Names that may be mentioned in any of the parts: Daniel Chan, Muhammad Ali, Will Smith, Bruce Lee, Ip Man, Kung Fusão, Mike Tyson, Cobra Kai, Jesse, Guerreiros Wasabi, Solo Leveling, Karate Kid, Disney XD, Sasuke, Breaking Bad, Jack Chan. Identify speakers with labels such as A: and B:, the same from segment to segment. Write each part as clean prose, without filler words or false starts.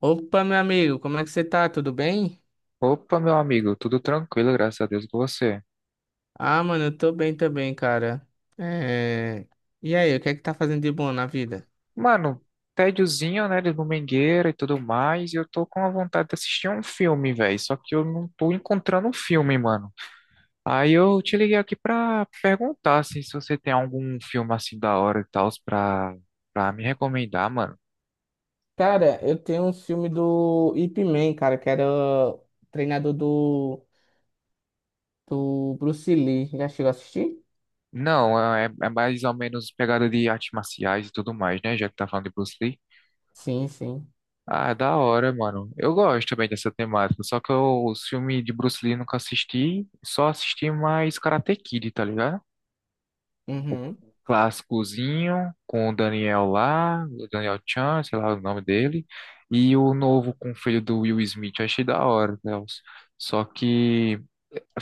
A: Opa, meu amigo, como é que você tá? Tudo bem?
B: Opa, meu amigo, tudo tranquilo, graças a Deus com você.
A: Ah, mano, eu tô bem também, cara. É... E aí, o que é que tá fazendo de bom na vida?
B: Mano, tédiozinho, né, de domingueira e tudo mais, e eu tô com a vontade de assistir um filme, velho, só que eu não tô encontrando um filme, mano. Aí eu te liguei aqui pra perguntar assim, se você tem algum filme assim da hora e tal pra me recomendar, mano.
A: Cara, eu tenho um filme do Ip Man, cara, que era o treinador do Bruce Lee. Já chegou a assistir?
B: Não, é mais ou menos pegada de artes marciais e tudo mais, né, já que tá falando de Bruce Lee.
A: Sim, sim.
B: Ah, da hora, mano. Eu gosto também dessa temática, só que eu, os filmes de Bruce Lee nunca assisti, só assisti mais Karate Kid, tá ligado?
A: Uhum.
B: Clássicozinho, com o Daniel lá, o Daniel Chan, sei lá o nome dele, e o novo com o filho do Will Smith, achei da hora, Deus. Só que,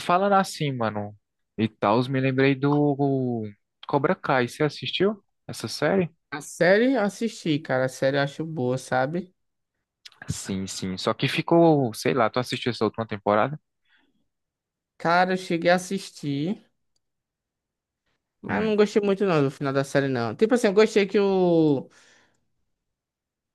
B: falando assim, mano, e tal, me lembrei do Cobra Kai, você assistiu essa série?
A: A série eu assisti, cara. A série eu acho boa, sabe?
B: Sim, sim, só que ficou, sei lá, tu assistiu essa última temporada?
A: Cara, eu cheguei a assistir, mas não gostei muito não do final da série, não. Tipo assim, eu gostei que o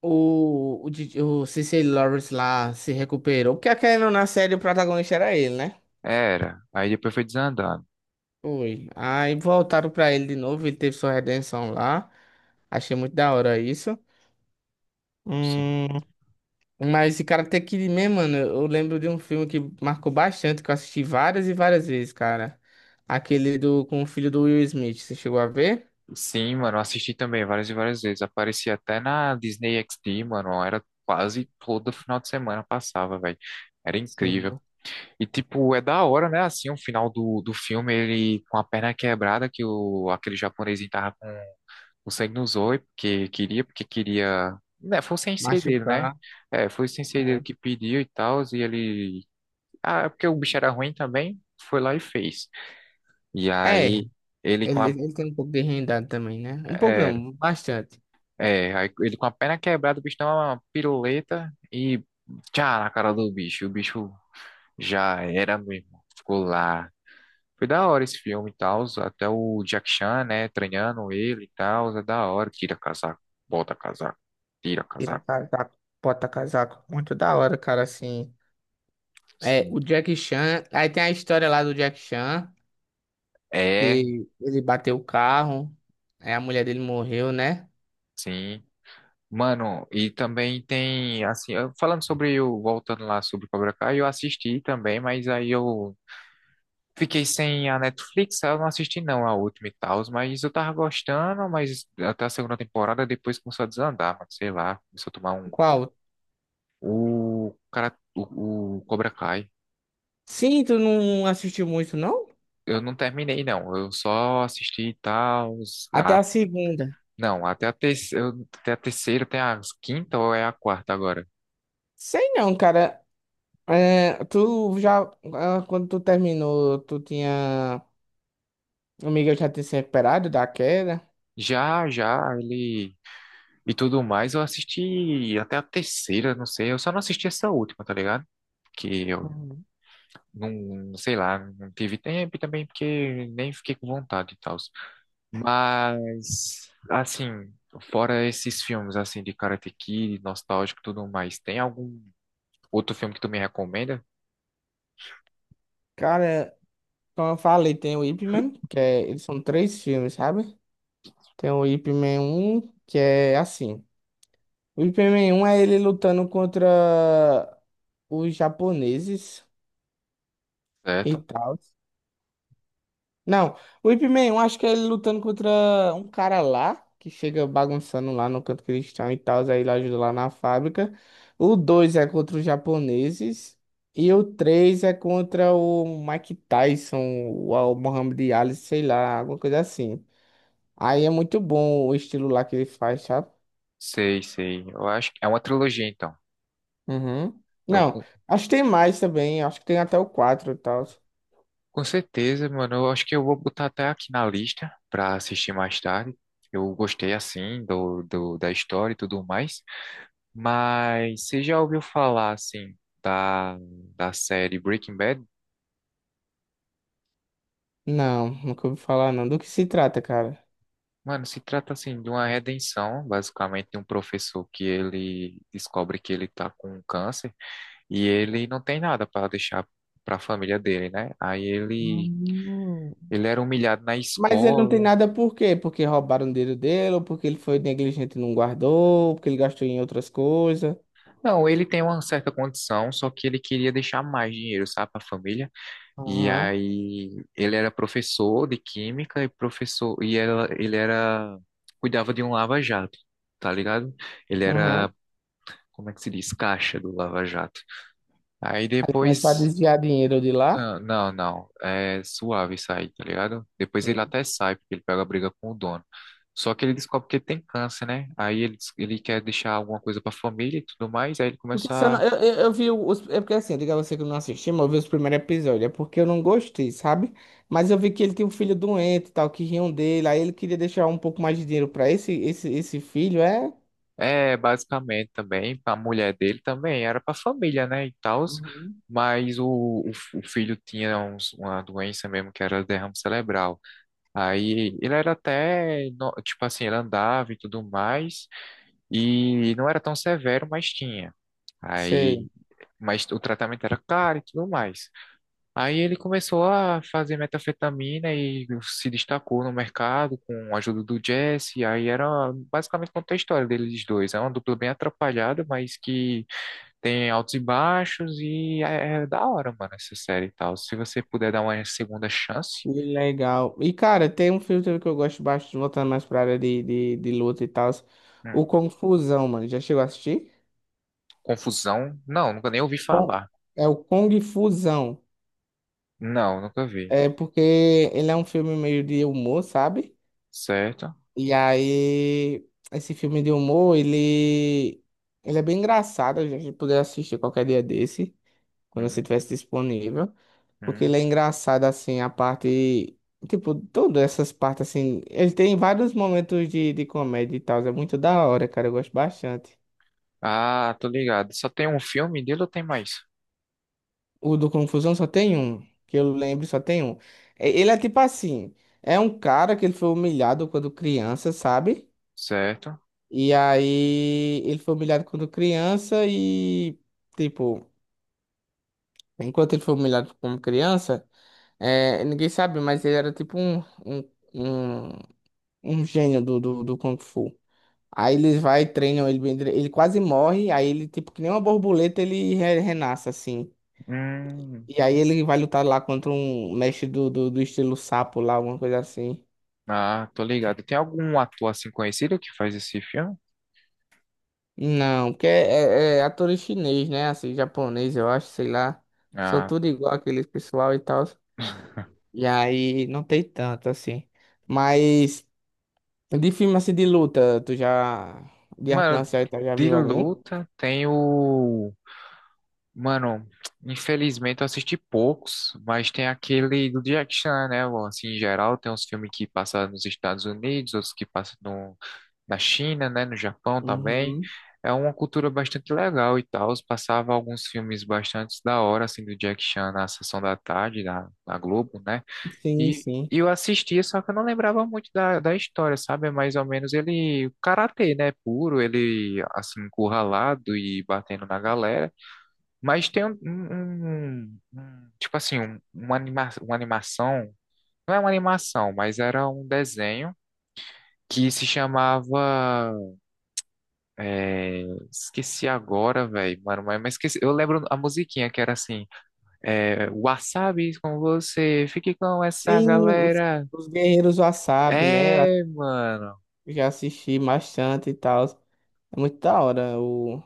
A: DJ o Cecily Lawrence lá se recuperou, porque querendo ou não na série o protagonista era ele, né?
B: Era. Aí depois foi desandando.
A: Foi. Aí voltaram pra ele de novo, ele teve sua redenção lá. Achei muito da hora isso.
B: Sim.
A: Hum, mas esse Karate Kid mesmo, mano, eu lembro de um filme que marcou bastante, que eu assisti várias e várias vezes, cara. Aquele do com o filho do Will Smith, você chegou a ver?
B: Sim, mano, assisti também várias e várias vezes. Aparecia até na Disney XD, mano. Era quase todo final de semana passava, velho. Era incrível.
A: Sim.
B: E, tipo, é da hora, né? Assim, o final do filme, ele com a perna quebrada, que o, aquele japonesinho tava com o sangue nos olhos, porque queria, porque queria. Né, foi o sensei dele, né?
A: Machucar.
B: É, foi o sensei dele
A: É,
B: que pediu e tal, e ele. Ah, é porque o bicho era ruim também, foi lá e fez. E
A: é,
B: aí. Ele com
A: ele,
B: a
A: ele tem um pouco de rendado também, né? Um pouco
B: Era.
A: não, bastante.
B: É, aí ele com a perna quebrada, o bicho dá uma piruleta e tchá na cara do bicho. O bicho já era mesmo. Ficou lá. Foi da hora esse filme e tal. Até o Jack Chan, né, treinando ele e tal. É da hora. Tira casaco, bota casaco, tira
A: Tira
B: casaco.
A: casaco, bota casaco. Muito da hora, cara, assim. É,
B: Sim.
A: o Jack Chan. Aí tem a história lá do Jack Chan,
B: É,
A: que ele bateu o carro, aí a mulher dele morreu, né?
B: sim. Mano, e também tem, assim, falando sobre o, voltando lá sobre Cobra Kai, eu assisti também, mas aí eu fiquei sem a Netflix, eu não assisti não a última e tal, mas eu tava gostando, mas até a segunda temporada depois começou a desandar, mano, sei lá, começou a tomar um.
A: Qual?
B: O cara, o Cobra Kai,
A: Sim, tu não assistiu muito, não?
B: eu não terminei não, eu só assisti e tal,
A: Até
B: a,
A: a segunda.
B: não, até até a terceira, tem a quinta ou é a quarta agora?
A: Sei não, cara. É, tu já. Quando tu terminou, tu tinha. O Miguel já tinha se recuperado da queda.
B: Já, já, ele. E tudo mais, eu assisti até a terceira, não sei, eu só não assisti essa última, tá ligado? Que eu
A: Uhum.
B: Não, sei lá, não tive tempo e também porque nem fiquei com vontade e tal. Mas, assim, fora esses filmes, assim, de Karate Kid, nostálgico e tudo mais, tem algum outro filme que tu me recomenda?
A: Cara, como eu falei, tem o Ip Man, que é, eles são três filmes, sabe? Tem o Ip Man 1, que é assim. O Ip Man 1 é ele lutando contra os japoneses e
B: Certo?
A: tal. Não, o Ip Man 1 acho que é ele lutando contra um cara lá, que chega bagunçando lá no canto cristão e tal, aí ele ajuda lá na fábrica. O 2 é contra os japoneses. E o 3 é contra o Mike Tyson, o Muhammad Ali, sei lá, alguma coisa assim. Aí é muito bom o estilo lá que ele faz, sabe?
B: Sei, sei. Eu acho que é uma trilogia, então.
A: Uhum.
B: Eu,
A: Não,
B: com,
A: acho que tem mais também. Acho que tem até o 4 e tal.
B: com certeza, mano, eu acho que eu vou botar até aqui na lista pra assistir mais tarde. Eu gostei, assim, da história e tudo mais. Mas você já ouviu falar, assim, da, da série Breaking Bad?
A: Não, nunca ouvi falar não. Do que se trata, cara?
B: Mano, se trata, assim, de uma redenção, basicamente, de um professor que ele descobre que ele tá com câncer e ele não tem nada para deixar para a família dele, né? Aí ele,
A: Hum.
B: ele era humilhado na
A: Mas ele não tem
B: escola.
A: nada por quê? Porque roubaram o dinheiro dele, ou porque ele foi negligente e não guardou, ou porque ele gastou em outras coisas.
B: Não, ele tem uma certa condição, só que ele queria deixar mais dinheiro, sabe, para a família. E
A: Aham,
B: aí ele era professor de química e professor e ela, ele era cuidava de um lava-jato, tá ligado? Ele
A: aham.
B: era, como é que se diz, caixa do lava-jato. Aí
A: Aí começou a
B: depois,
A: desviar dinheiro de lá.
B: não, não, é suave sair, tá ligado? Depois ele até sai, porque ele pega a briga com o dono. Só que ele descobre que ele tem câncer, né? Aí ele quer deixar alguma coisa pra família e tudo mais, aí ele
A: Porque
B: começa
A: se eu, não,
B: a.
A: eu vi os. É porque assim, eu digo a você que eu não assisti, mas eu vi os primeiros episódios. É porque eu não gostei, sabe? Mas eu vi que ele tinha um filho doente e tal, que riam dele. Aí ele queria deixar um pouco mais de dinheiro pra esse filho, é?
B: É, basicamente também, a mulher dele também era para família, né, e tal,
A: Uhum.
B: mas o filho tinha uma doença mesmo que era derrame cerebral. Aí ele era até, tipo assim, ele andava e tudo mais, e não era tão severo, mas tinha. Aí,
A: Sei.
B: mas o tratamento era caro e tudo mais. Aí ele começou a fazer metanfetamina e se destacou no mercado com a ajuda do Jesse. Aí era basicamente conta a história deles dois. É uma dupla bem atrapalhada, mas que tem altos e baixos e é da hora, mano, essa série e tal. Se você puder dar uma segunda chance.
A: Legal. E, cara, tem um filme também que eu gosto bastante, voltando mais pra área de luta e tal. O
B: hum,
A: Confusão, mano. Já chegou a assistir?
B: Confusão, não, nunca nem ouvi
A: Con-
B: falar.
A: É o Kung Fusão.
B: Não, nunca vi.
A: É porque ele é um filme meio de humor, sabe?
B: Certo?
A: E aí, esse filme de humor, ele é bem engraçado, a gente poder assistir qualquer dia desse, quando você
B: Hum,
A: tivesse disponível, porque ele
B: hum.
A: é engraçado, assim, a parte, tipo, todas essas partes, assim, ele tem vários momentos de comédia e tal, é muito da hora, cara, eu gosto bastante.
B: Ah, tô ligado. Só tem um filme dele ou tem mais?
A: O do Confusão só tem um, que eu lembro só tem um. Ele é tipo assim, é um cara que ele foi humilhado quando criança, sabe?
B: Certo?
A: E aí ele foi humilhado quando criança e, tipo, enquanto ele foi humilhado como criança, é, ninguém sabe, mas ele era tipo um, um, um gênio do Kung Fu. Aí eles vai, e treinam ele, ele quase morre, aí ele, tipo, que nem uma borboleta, ele renasce, assim.
B: Hum.
A: E aí ele vai lutar lá contra um mestre do estilo sapo lá, alguma coisa assim.
B: Ah, tô ligado. Tem algum ator assim conhecido que faz esse filme?
A: Não, porque é ator chinês, né? Assim, japonês, eu acho, sei lá. São
B: Ah,
A: tudo igual aqueles pessoal e tal. E aí não tem tanto assim. Mas de filme assim de luta, tu já. De arte
B: mano,
A: marcial, e tal, já
B: de
A: viu algum?
B: luta tem o. Mano, infelizmente eu assisti poucos, mas tem aquele do Jack Chan, né? Bom, assim, em geral, tem uns filmes que passam nos Estados Unidos, outros que passam no. Na China, né? No Japão também.
A: Uhum.
B: É uma cultura bastante legal e tal. Passava alguns filmes bastante da hora, assim, do Jack Chan na sessão da tarde, na, Globo, né?
A: Sim,
B: E
A: sim.
B: e eu assistia, só que eu não lembrava muito da história, sabe? É mais ou menos ele, karatê, né? Puro, ele assim, encurralado e batendo na galera. Mas tem um, tipo assim, um, uma animação, não é uma animação, mas era um desenho que se chamava, é, esqueci agora, velho, mano, mas esqueci, eu lembro a musiquinha que era assim, Wasabi com você, fique com essa
A: Sim, os,
B: galera.
A: os Guerreiros Wasabi, né?
B: É, mano.
A: Eu já assisti bastante e tal. É muito da hora o,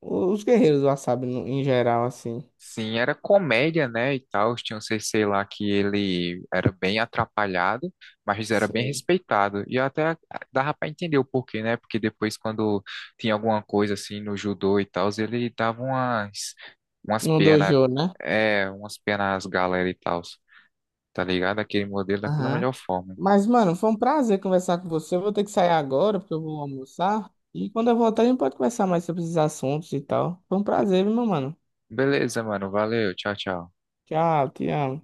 A: os Guerreiros Wasabi no, em geral, assim.
B: Sim, era comédia, né, e tal. Tinha um CC lá que ele era bem atrapalhado, mas era bem
A: Sim.
B: respeitado. E até, dava pra entender o porquê, né? Porque depois, quando tinha alguma coisa assim no judô e tal, ele dava umas,
A: No
B: penas,
A: dojo, né?
B: umas penas às galera e tal, tá ligado? Aquele modelo daquela
A: Aham.
B: melhor forma.
A: Mas, mano, foi um prazer conversar com você. Eu vou ter que sair agora, porque eu vou almoçar. E quando eu voltar, a gente pode conversar mais sobre esses assuntos e tal. Foi um
B: Be-
A: prazer, viu, meu mano.
B: Beleza, mano, valeu, tchau, tchau.
A: Tchau, te amo.